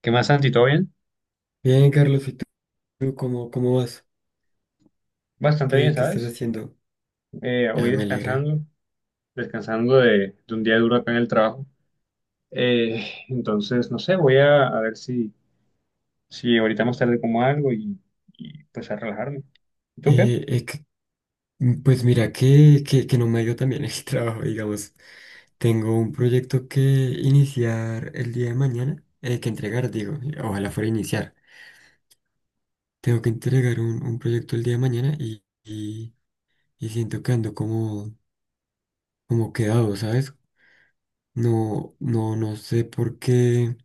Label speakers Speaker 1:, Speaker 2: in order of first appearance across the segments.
Speaker 1: ¿Qué más, Santi? ¿Todo bien?
Speaker 2: Bien, Carlos, ¿y tú cómo vas?
Speaker 1: Bastante bien,
Speaker 2: ¿Qué estás
Speaker 1: ¿sabes?
Speaker 2: haciendo?
Speaker 1: Hoy
Speaker 2: Ah, me alegra.
Speaker 1: descansando, descansando de un día duro acá en el trabajo. Entonces, no sé, voy a ver si, si ahorita más tarde como algo y, pues a relajarme. ¿Tú qué?
Speaker 2: Eh, eh, que- pues mira, que no me ha ido también el trabajo, digamos. Tengo un proyecto que iniciar el día de mañana, que entregar, digo, ojalá fuera iniciar. Tengo que entregar un proyecto el día de mañana y siento que ando como, como quedado, ¿sabes? No, no sé por qué.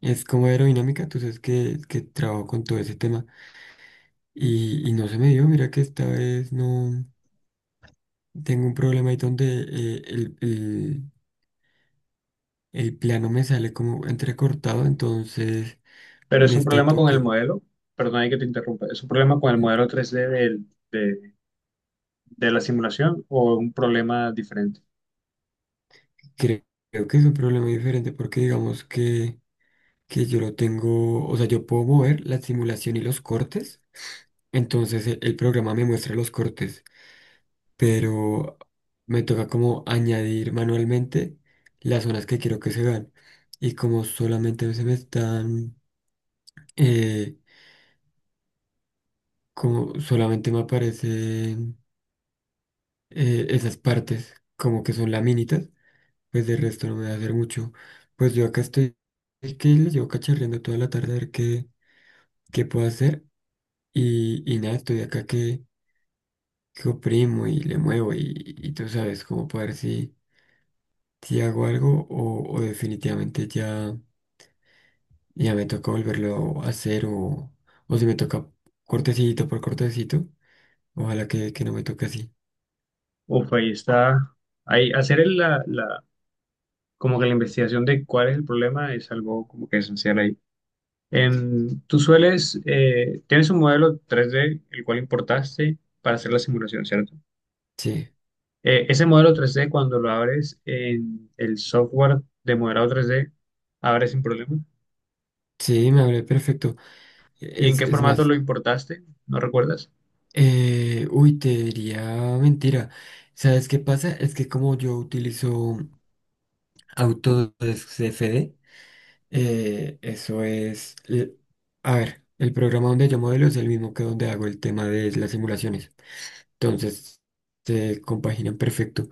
Speaker 2: Es como aerodinámica, tú sabes que trabajo con todo ese tema. Y no se me dio, mira que esta vez no tengo un problema ahí donde el plano me sale como entrecortado, entonces
Speaker 1: Pero
Speaker 2: me
Speaker 1: es un
Speaker 2: está
Speaker 1: problema con el
Speaker 2: tocando.
Speaker 1: modelo, perdón, hay que te interrumpa, ¿es un problema con el modelo tres d de la simulación o un problema diferente?
Speaker 2: Creo, Creo que es un problema diferente porque digamos que yo lo tengo, o sea, yo puedo mover la simulación y los cortes, entonces el programa me muestra los cortes, pero me toca como añadir manualmente las zonas que quiero que se vean. Y como solamente se me están... eh, como solamente me aparecen esas partes, como que son laminitas, pues de resto no me va a hacer mucho. Pues yo acá estoy, es que le llevo cacharreando toda la tarde a ver qué puedo hacer y nada, estoy acá que oprimo y le muevo y tú sabes cómo para ver si, si hago algo o definitivamente ya me toca volverlo a hacer o si me toca cortecito por cortecito, ojalá que no me toque así.
Speaker 1: Uf, ahí está. Ahí, hacer la como que la investigación de cuál es el problema es algo como que esencial ahí. Tú sueles, tienes un modelo 3D, el cual importaste para hacer la simulación, ¿cierto?
Speaker 2: Sí,
Speaker 1: Ese modelo 3D, cuando lo abres en el software de modelado 3D, abre sin problema.
Speaker 2: sí, me hablé perfecto.
Speaker 1: ¿Y en
Speaker 2: Es,
Speaker 1: qué
Speaker 2: es
Speaker 1: formato
Speaker 2: más,
Speaker 1: lo importaste? ¿No recuerdas?
Speaker 2: uy, te diría mentira. ¿Sabes qué pasa? Es que como yo utilizo Autodesk CFD, eso es... A ver, el programa donde yo modelo es el mismo que donde hago el tema de las simulaciones. Entonces, se compaginan perfecto.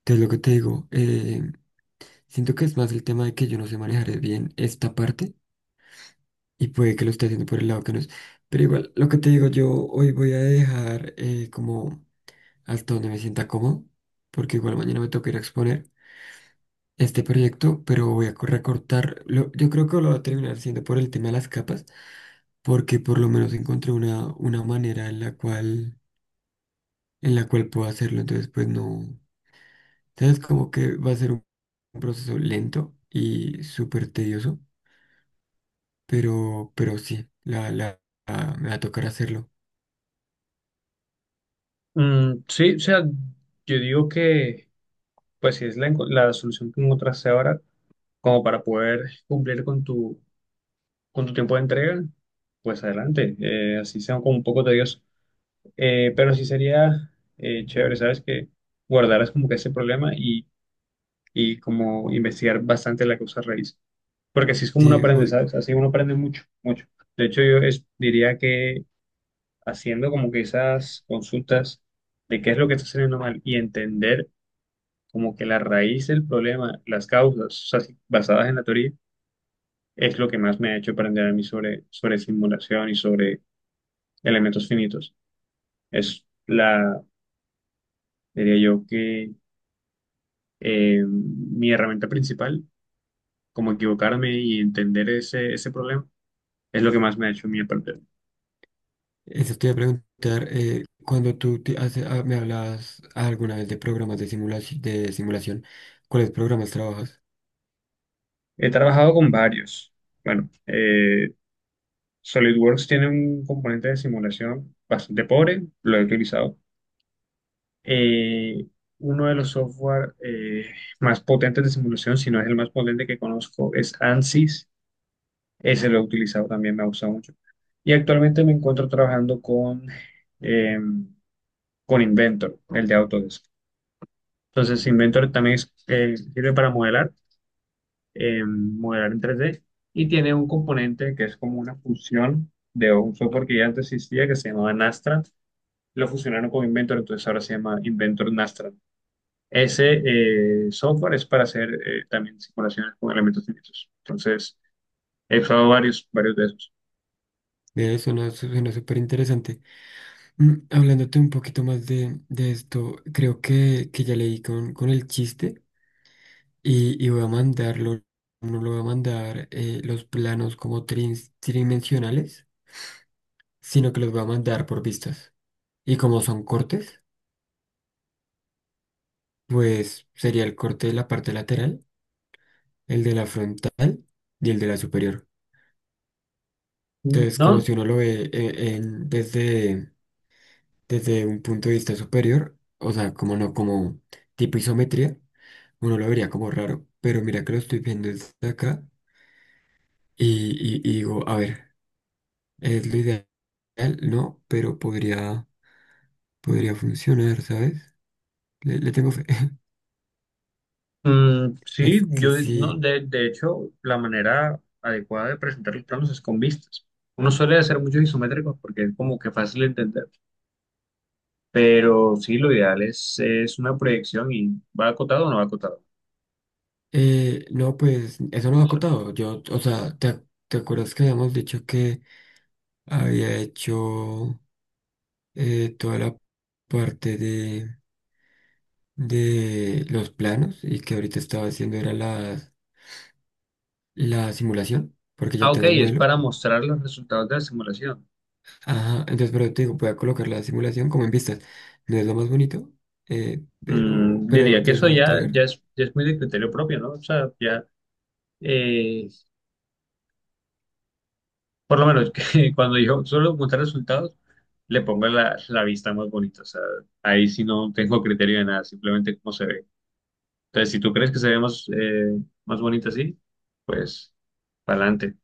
Speaker 2: Entonces, lo que te digo, siento que es más el tema de que yo no sé manejar bien esta parte y puede que lo esté haciendo por el lado que no es. Pero igual, lo que te digo, yo hoy voy a dejar como... hasta donde me sienta cómodo, porque igual mañana me toca ir a exponer este proyecto, pero recortar, yo creo que lo voy a terminar siendo por el tema de las capas, porque por lo menos encontré una manera en la cual puedo hacerlo, entonces pues no, sabes como que va a ser un proceso lento y súper tedioso, pero sí, me va a tocar hacerlo.
Speaker 1: Mm, sí, o sea, yo digo que, pues si es la solución que encontraste ahora, como para poder cumplir con tu tiempo de entrega, pues adelante. Así sea como un poco tedioso. Pero sí sería chévere, ¿sabes? Que guardaras como que ese problema y como investigar bastante la causa raíz. Porque así es como uno
Speaker 2: Sí,
Speaker 1: aprende,
Speaker 2: voy.
Speaker 1: ¿sabes? Así uno aprende mucho, mucho. De hecho, diría que haciendo como que esas consultas de qué es lo que está saliendo mal y entender como que la raíz del problema, las causas, o sea, basadas en la teoría, es lo que más me ha hecho aprender a mí sobre, sobre simulación y sobre elementos finitos. Es la, diría yo que mi herramienta principal, como equivocarme y entender ese, ese problema, es lo que más me ha hecho a mí aprender.
Speaker 2: Eso te iba a preguntar. Cuando tú te hace- ah, Me hablabas alguna vez de programas de simulación, ¿cuáles programas trabajas?
Speaker 1: He trabajado con varios. Bueno. SolidWorks tiene un componente de simulación bastante pobre, lo he utilizado. Eh, Uno de los software más potentes de simulación, si no es el más potente que conozco, es ANSYS. Ese lo he utilizado también, me ha gustado mucho. Y actualmente me encuentro trabajando eh, con Inventor, el de Autodesk. Entonces, Inventor también sirve para modelar, modelar en 3D y tiene un componente que es como una fusión de un software que ya antes existía que se llamaba Nastra. Lo fusionaron con Inventor, entonces ahora se llama Inventor Nastra. Ese software es para hacer también simulaciones con elementos finitos. Entonces, he usado varios, varios de esos.
Speaker 2: Ve, suena súper interesante. Mm, hablándote un poquito más de esto, creo que ya leí con el chiste y voy a mandarlo, no lo voy a mandar los planos como tridimensionales, sino que los voy a mandar por vistas. Y como son cortes, pues sería el corte de la parte lateral, el de la frontal y el de la superior. Entonces, como
Speaker 1: No.
Speaker 2: si uno lo ve desde, desde un punto de vista superior, o sea, como no, como tipo isometría, uno lo vería como raro, pero mira que lo estoy viendo desde acá y, y digo, a ver, es lo ideal, no, pero podría, podría funcionar, ¿sabes? Le tengo fe.
Speaker 1: Mm, sí,
Speaker 2: Es que
Speaker 1: yo no,
Speaker 2: sí.
Speaker 1: de hecho, la manera adecuada de presentar los planos es con vistas. Uno suele hacer muchos isométricos porque es como que fácil de entender, pero sí, lo ideal es una proyección y va acotado o no va acotado.
Speaker 2: No, pues eso no ha
Speaker 1: Eso.
Speaker 2: acotado. Yo, o sea, te acuerdas que habíamos dicho que había hecho. Toda la parte de los planos y que ahorita estaba haciendo era la simulación, porque
Speaker 1: Ah,
Speaker 2: ya
Speaker 1: ok,
Speaker 2: tengo el
Speaker 1: es
Speaker 2: modelo.
Speaker 1: para mostrar los resultados de la simulación.
Speaker 2: Ajá, entonces, pero te digo, voy a colocar la simulación como en vistas. No es lo más bonito,
Speaker 1: Mm,
Speaker 2: pero
Speaker 1: diría que
Speaker 2: de
Speaker 1: eso
Speaker 2: eso no
Speaker 1: ya,
Speaker 2: entregar.
Speaker 1: ya es muy de criterio propio, ¿no? Eh, Por lo menos que cuando yo suelo montar resultados, le pongo la, la vista más bonita. O sea, ahí sí no tengo criterio de nada, simplemente cómo se ve. Entonces, si tú crees que se ve más, más bonita así, pues para adelante.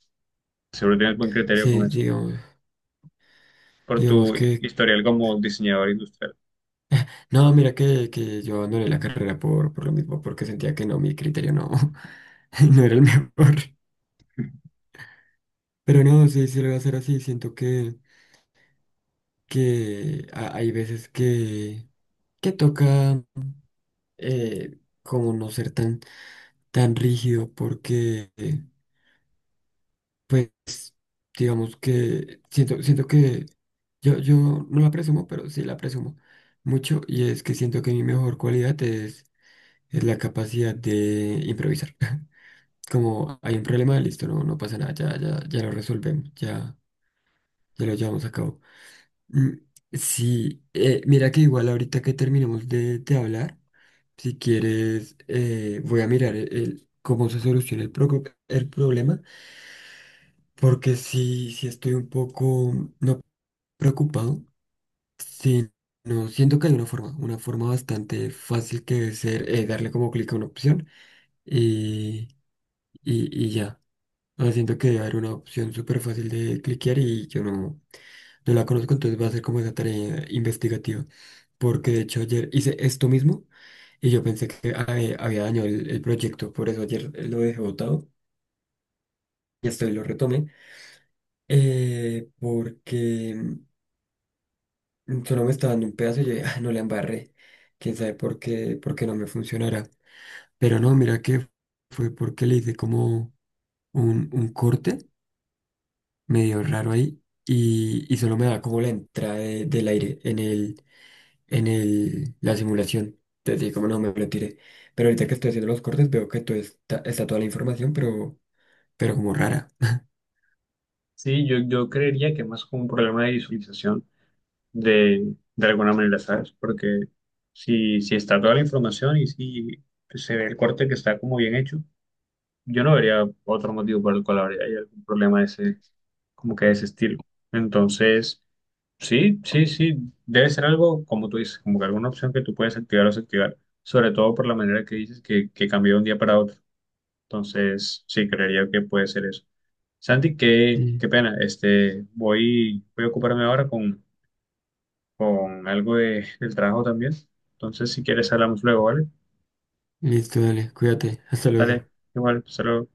Speaker 1: Seguro tienes buen criterio con
Speaker 2: Sí,
Speaker 1: eso.
Speaker 2: digamos,
Speaker 1: Por
Speaker 2: digamos
Speaker 1: tu
Speaker 2: que...
Speaker 1: historial como diseñador industrial.
Speaker 2: No, mira que yo abandoné la carrera por lo mismo, porque sentía que no, mi criterio no, no era el mejor. Pero no, sí, sí lo voy a hacer así. Siento que, hay veces que toca como no ser tan, tan rígido porque, pues, digamos que siento que yo no la presumo, pero sí la presumo mucho y es que siento que mi mejor cualidad es la capacidad de improvisar. Como hay un problema, listo, no, no pasa nada, ya, ya, ya lo resolvemos, ya, ya lo llevamos a cabo. Mm, sí, mira que igual ahorita que terminemos de hablar, si quieres, voy a mirar cómo se soluciona el problema, porque sí, sí estoy un poco no preocupado, sino siento que hay una forma bastante fácil que debe ser darle como clic a una opción y, y ya. No, siento que era una opción súper fácil de cliquear y yo no, no la conozco, entonces va a ser como esa tarea investigativa. Porque de hecho ayer hice esto mismo y yo pensé que había dañado el proyecto, por eso ayer lo dejé botado y hasta hoy lo retomé. Porque mm, solo me estaba dando un pedazo y yo dije, "Ah, no la embarré. Quién sabe por qué no me funcionará". Pero no, mira que fue porque le hice como un corte medio raro ahí y solo me da como la entrada del aire en el, la simulación. Entonces, sí, como no me lo tiré. Pero ahorita que estoy haciendo los cortes veo que todo está, está toda la información, pero como rara.
Speaker 1: Sí, yo creería que más como un problema de visualización de alguna manera, ¿sabes? Porque si, si está toda la información y si se ve el corte que está como bien hecho, yo no vería otro motivo por el cual habría hay algún problema de ese, como que de ese estilo. Entonces, sí, sí, sí, debe ser algo, como tú dices, como que alguna opción que tú puedes activar o desactivar, sobre todo por la manera que dices que cambió de un día para otro. Entonces, sí, creería que puede ser eso. Santi, qué,
Speaker 2: Sí,
Speaker 1: qué pena, este, voy, voy a ocuparme ahora con algo de, del trabajo también. Entonces, si quieres, hablamos luego, ¿vale?
Speaker 2: listo, dale, cuídate, hasta
Speaker 1: Dale,
Speaker 2: luego.
Speaker 1: igual, saludos.